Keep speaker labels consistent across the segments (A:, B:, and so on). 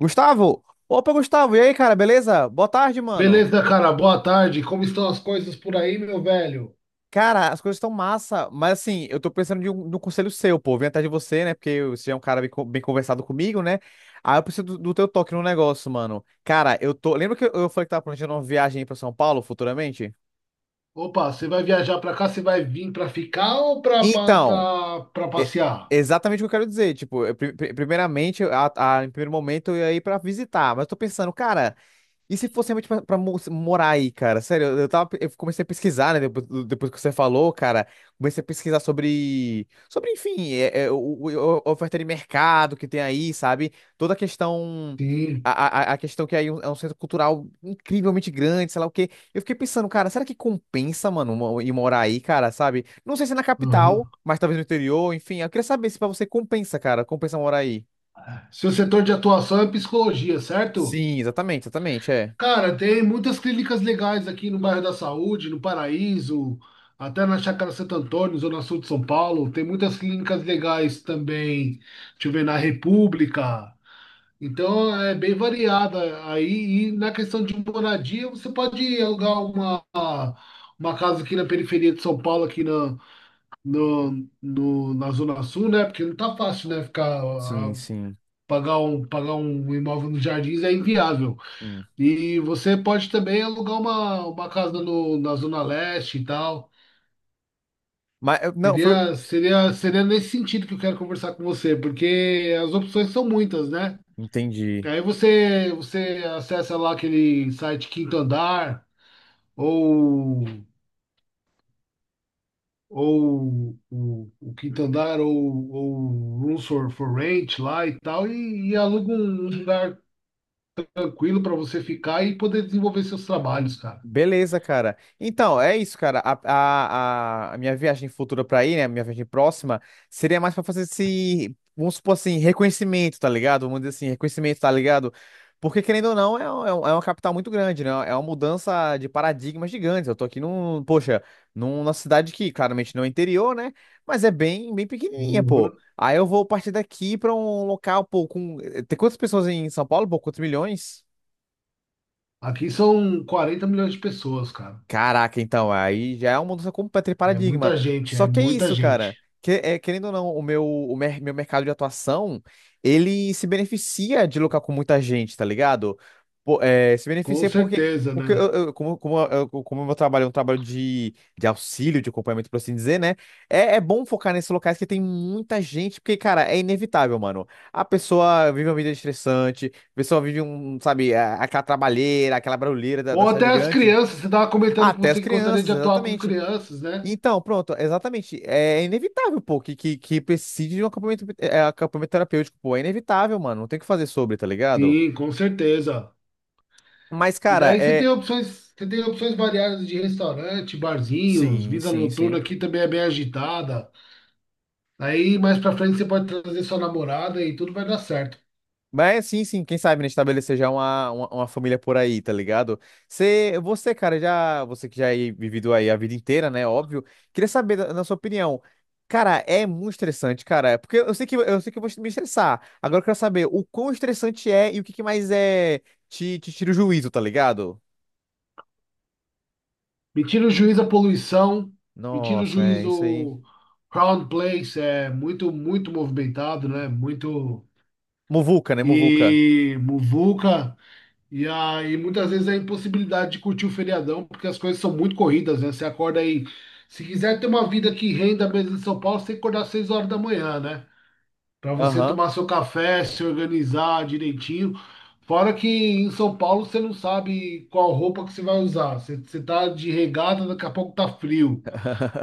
A: Gustavo! Opa, Gustavo! E aí, cara, beleza? Boa tarde, mano.
B: Beleza, cara, boa tarde. Como estão as coisas por aí, meu velho?
A: Cara, as coisas estão massa, mas assim, eu tô pensando de um conselho seu, pô. Vim atrás de você, né? Porque você é um cara bem, bem conversado comigo, né? Aí eu preciso do teu toque no negócio, mano. Cara, eu tô. Lembra que eu falei que tava planejando uma viagem aí pra São Paulo futuramente?
B: Opa, você vai viajar pra cá? Você vai vir pra ficar ou pra, pra,
A: Então,
B: pra, pra
A: é
B: passear?
A: exatamente o que eu quero dizer. Tipo, primeiramente, em primeiro momento, eu ia ir pra visitar, mas eu tô pensando, cara. E se fosse realmente pra morar aí, cara? Sério, eu tava, eu comecei a pesquisar, né? Depois que você falou, cara, comecei a pesquisar enfim, a oferta de mercado que tem aí, sabe? Toda a questão,
B: Sim.
A: a questão que aí é um centro cultural incrivelmente grande, sei lá o quê. Eu fiquei pensando, cara, será que compensa, mano, ir morar aí, cara, sabe? Não sei se é na capital,
B: Uhum.
A: mas talvez no interior, enfim. Eu queria saber se pra você compensa, cara, compensa morar aí.
B: Seu setor de atuação é psicologia, certo?
A: Sim, exatamente, é.
B: Cara, tem muitas clínicas legais aqui no bairro da Saúde, no Paraíso, até na Chácara Santo Antônio, Zona Sul de São Paulo. Tem muitas clínicas legais também. Deixa eu ver, na República. Então é bem variada aí. E na questão de moradia, você pode alugar uma casa aqui na periferia de São Paulo, aqui na, na Zona Sul, né? Porque não tá fácil, né? Ficar,
A: Sim,
B: ah,
A: sim.
B: pagar um imóvel nos Jardins é inviável. E você pode também alugar uma casa no, na Zona Leste e tal.
A: Mas não, foi.
B: Seria nesse sentido que eu quero conversar com você, porque as opções são muitas, né?
A: Entendi.
B: Aí você acessa lá aquele site Quinto Andar, ou, ou o Quinto Andar, ou Rooms for Rent lá e tal, e aluga um lugar tranquilo para você ficar e poder desenvolver seus trabalhos, cara.
A: Beleza, cara. Então, é isso, cara. A minha viagem futura pra aí, né? Minha viagem próxima, seria mais pra fazer esse, vamos supor assim, reconhecimento, tá ligado? Vamos dizer assim, reconhecimento, tá ligado? Porque, querendo ou não, é uma capital muito grande, né? É uma mudança de paradigma gigante. Eu tô aqui num, poxa, numa cidade que claramente não é interior, né? Mas é bem pequenininha, pô.
B: Uhum.
A: Aí eu vou partir daqui pra um local, pô, com. Tem quantas pessoas em São Paulo, pô? Quantos milhões?
B: Aqui são quarenta milhões de pessoas, cara.
A: Caraca, então, aí já é uma mudança completa de
B: É
A: paradigma.
B: muita gente, é
A: Só que é
B: muita
A: isso,
B: gente.
A: cara. Querendo ou não, o meu, o mer- meu mercado de atuação, ele se beneficia de lucrar com muita gente, tá ligado? Se
B: Com
A: beneficia porque,
B: certeza,
A: porque
B: né?
A: como o meu trabalho é um trabalho de auxílio, de acompanhamento, por assim dizer, né? É, é bom focar nesses locais que tem muita gente, porque, cara, é inevitável, mano. A pessoa vive uma vida estressante, a pessoa vive um, sabe, aquela trabalheira, aquela barulheira da
B: Ou até
A: cidade
B: as
A: grande.
B: crianças, você estava comentando que
A: Até as
B: você gostaria
A: crianças,
B: de atuar com
A: exatamente.
B: crianças, né?
A: Então, pronto, exatamente. É inevitável, pô, que precise de um acampamento, é, acampamento terapêutico, pô. É inevitável, mano. Não tem o que fazer sobre, tá ligado?
B: Sim, com certeza.
A: Mas,
B: E
A: cara,
B: daí
A: é.
B: você tem opções variadas de restaurante, barzinhos,
A: Sim,
B: vida
A: sim,
B: noturna
A: sim.
B: aqui também é bem agitada. Aí mais pra frente você pode trazer sua namorada e tudo vai dar certo.
A: Mas sim, sim, quem sabe, né, estabelecer já uma família por aí, tá ligado? Você, cara, já, você que já aí vivido aí a vida inteira, né, óbvio, queria saber da sua opinião. Cara, é muito estressante, cara, porque eu sei que eu vou me estressar. Agora eu quero saber o quão estressante é e o que que mais é te tira o juízo, tá ligado?
B: Me tira o juízo a poluição, me tira o
A: Nossa, é isso aí.
B: juízo Crown Place, é muito, muito movimentado, né? Muito
A: Muvuca, né, muvuca.
B: e muvuca. E aí muitas vezes a impossibilidade de curtir o feriadão, porque as coisas são muito corridas, né? Você acorda aí se quiser ter uma vida que renda mesmo em São Paulo, você tem que acordar às 6 horas da manhã, né? Para você
A: Aham.
B: tomar seu café, se organizar direitinho. Fora que em São Paulo você não sabe qual roupa que você vai usar. Você tá de regata, daqui a pouco tá frio.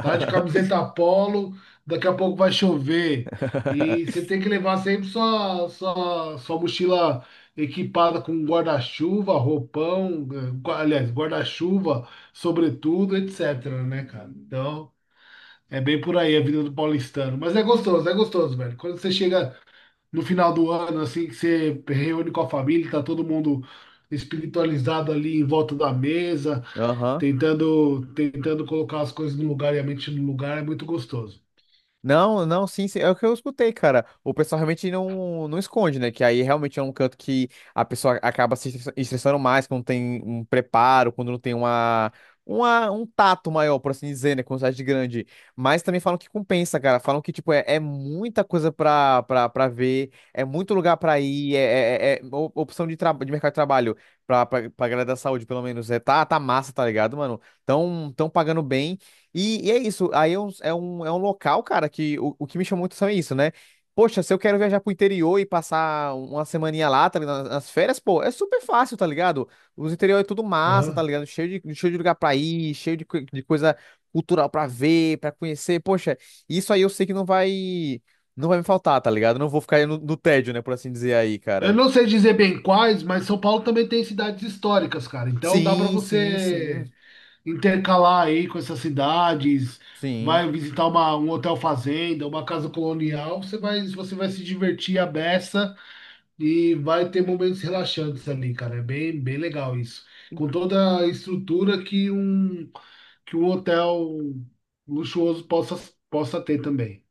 B: Tá de camiseta polo, daqui a pouco vai chover. E você tem que levar sempre sua mochila equipada com guarda-chuva, roupão, aliás, guarda-chuva, sobretudo, etc, né, cara? Então, é bem por aí a vida do paulistano. Mas é gostoso, velho. Quando você chega no final do ano, assim, que você reúne com a família, tá todo mundo espiritualizado ali em volta da mesa,
A: Aham.
B: tentando colocar as coisas no lugar e a mente no lugar, é muito gostoso.
A: Não, não, sim, sim, é o que eu escutei, cara. O pessoal realmente não esconde, né? Que aí realmente é um canto que a pessoa acaba se estressa- estressando mais quando tem um preparo, quando não tem um tato maior, por assim dizer, né? Com cidade grande. Mas também falam que compensa, cara. Falam que, tipo, é, é muita coisa pra ver, é muito lugar pra ir, opção de, de mercado de trabalho pra galera da saúde, pelo menos. É, tá, tá massa, tá ligado, mano? Tão pagando bem. E é isso, aí é um, é um local, cara, que o que me chamou muito atenção é isso, né? Poxa, se eu quero viajar pro interior e passar uma semaninha lá, tá ligado? Nas férias, pô, é super fácil, tá ligado? Os interiores é tudo massa, tá
B: Aham.
A: ligado? Cheio de lugar pra ir, cheio de, de coisa cultural pra ver, pra conhecer. Poxa, isso aí eu sei que não vai me faltar, tá ligado? Não vou ficar no, no tédio, né, por assim dizer aí,
B: Eu
A: cara.
B: não sei dizer bem quais, mas São Paulo também tem cidades históricas, cara. Então dá para
A: Sim, sim, sim,
B: você intercalar aí com essas cidades,
A: sim.
B: vai visitar uma, um hotel fazenda, uma casa colonial, você vai se divertir à beça. E vai ter momentos relaxantes ali, cara. É bem, bem legal isso. Com toda a estrutura que um hotel luxuoso possa ter também.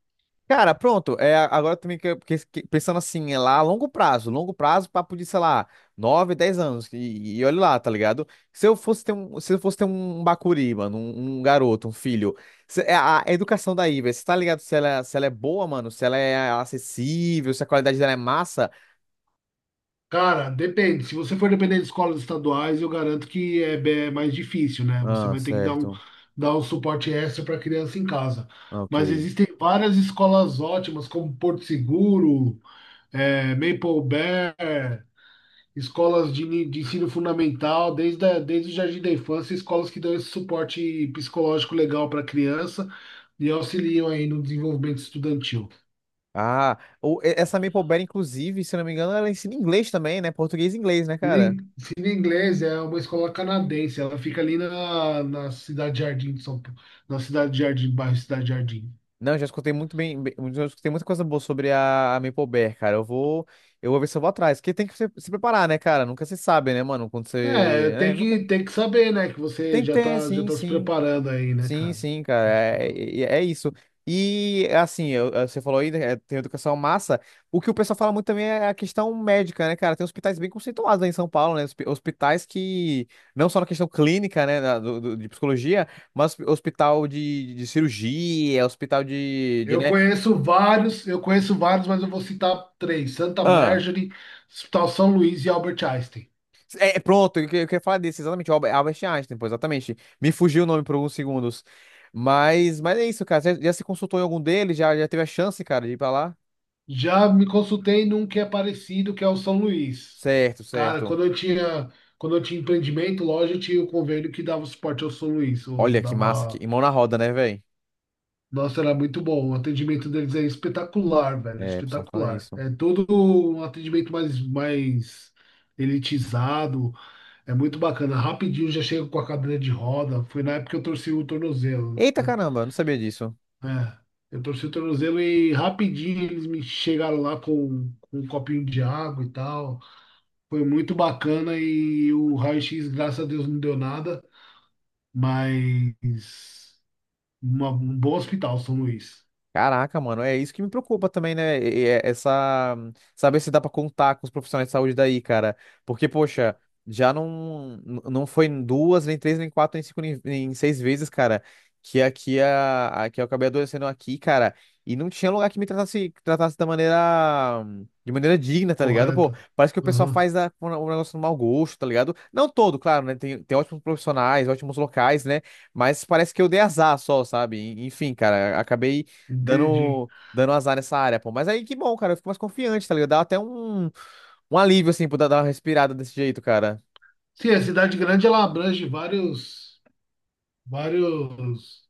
A: Cara, pronto. É, agora também que, pensando assim, é lá a longo prazo, papo de, sei lá, 9 10 anos. E olha lá, tá ligado? Se eu fosse ter um, se eu fosse ter um Bacuri, mano, um garoto, um filho, é a educação daí, velho, você tá ligado se ela, é, se ela é boa, mano, se ela é acessível, se a qualidade dela é massa.
B: Cara, depende. Se você for depender de escolas estaduais, eu garanto que mais difícil, né? Você
A: Ah,
B: vai ter que
A: certo.
B: dar um suporte extra para a criança em casa.
A: Ok.
B: Mas existem várias escolas ótimas, como Porto Seguro, Maple Bear, escolas de ensino fundamental, desde o jardim da infância, escolas que dão esse suporte psicológico legal para a criança e auxiliam aí no desenvolvimento estudantil.
A: Ah, essa Maple Berry, inclusive, se não me engano, ela ensina inglês também, né? Português e inglês, né, cara?
B: Cine Inglês é uma escola canadense, ela fica ali na, na Cidade Jardim de São Paulo, na Cidade Jardim, bairro Cidade Jardim.
A: Não, já escutei muito já escutei muita coisa boa sobre a Maple Bear, cara. Eu vou ver se eu vou atrás, porque tem que se preparar, né, cara? Nunca se sabe, né, mano? Quando
B: É,
A: você, né, nunca
B: tem que saber, né, que você
A: tem que ter,
B: já
A: sim,
B: tá se
A: sim,
B: preparando aí, né,
A: sim,
B: cara?
A: sim, cara.
B: Tá se preparando.
A: É isso. E assim, você falou aí, né, é, tem educação massa. O que o pessoal fala muito também é a questão médica, né, cara? Tem hospitais bem conceituados aí em São Paulo, né? Hospitais que não só na questão clínica, né, de psicologia, mas hospital de cirurgia, hospital né?
B: Eu conheço vários, mas eu vou citar três: Santa
A: Ah.
B: Marjorie, Hospital São Luís e Albert Einstein.
A: É, é, pronto, eu, eu queria falar disso, exatamente, o Albert Einstein, pô, exatamente. Me fugiu o nome por alguns segundos. Mas é isso, cara. Já se consultou em algum deles? Já teve a chance, cara, de ir pra lá?
B: Já me consultei num que é parecido, que é o São Luís.
A: Certo,
B: Cara,
A: certo.
B: quando eu tinha empreendimento, loja, eu tinha o convênio que dava suporte ao São Luís. Eu
A: Olha que massa, que
B: dava,
A: e mão na roda, né, velho?
B: nossa, era muito bom. O atendimento deles é espetacular, velho,
A: É, o pessoal fala
B: espetacular.
A: isso.
B: É todo um atendimento mais, mais elitizado. É muito bacana. Rapidinho já chego com a cadeira de roda. Foi na época que eu torci o tornozelo,
A: Eita
B: né?
A: caramba, eu não sabia disso.
B: É, eu torci o tornozelo e rapidinho eles me chegaram lá com um copinho de água e tal. Foi muito bacana e o raio-x, graças a Deus, não deu nada. Mas um bom hospital, São Luís.
A: Caraca, mano, é isso que me preocupa também, né? Essa saber se dá pra contar com os profissionais de saúde daí, cara. Porque, poxa, já não n- não foi em duas, nem três, nem quatro, nem cinco, nem seis vezes, cara, que aqui a que eu acabei adoecendo aqui, cara, e não tinha lugar que tratasse da maneira de maneira digna, tá ligado? Pô,
B: Correto.
A: parece que o pessoal
B: Aham,
A: faz a, um negócio no mau gosto, tá ligado? Não todo, claro, né? Tem ótimos profissionais, ótimos locais, né? Mas parece que eu dei azar só, sabe? Enfim, cara, acabei
B: entendi.
A: dando azar nessa área, pô. Mas aí que bom, cara. Eu fico mais confiante, tá ligado? Dá até um, um alívio, assim, por dar uma respirada desse jeito, cara.
B: Sim, a cidade grande ela abrange vários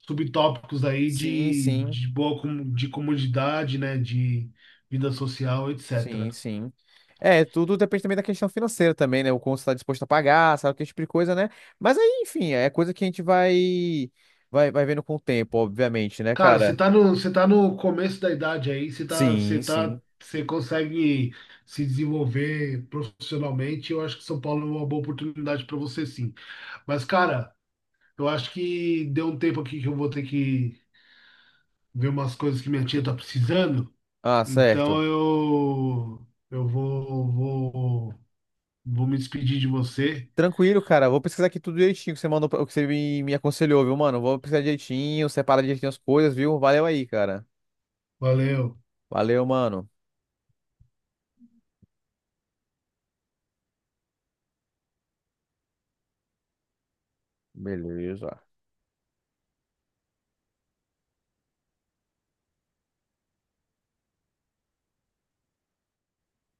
B: subtópicos aí
A: Sim, sim,
B: de de comodidade, né? De vida social,
A: sim,
B: etc.
A: sim. É, tudo depende também da questão financeira também, né? O quanto você tá disposto a pagar, sabe, que tipo de coisa, né? Mas aí, enfim, é coisa que a gente vai vendo com o tempo, obviamente, né,
B: Cara,
A: cara?
B: você tá no começo da idade aí,
A: Sim, sim.
B: você consegue se desenvolver profissionalmente. Eu acho que São Paulo é uma boa oportunidade para você, sim. Mas, cara, eu acho que deu um tempo aqui que eu vou ter que ver umas coisas que minha tia tá precisando.
A: Ah,
B: Então
A: certo.
B: vou me despedir de você.
A: Tranquilo, cara. Vou pesquisar aqui tudo direitinho que você mandou, o que você me aconselhou, viu, mano? Vou pesquisar direitinho, separar direitinho as coisas, viu? Valeu aí, cara.
B: Valeu.
A: Valeu, mano. Beleza.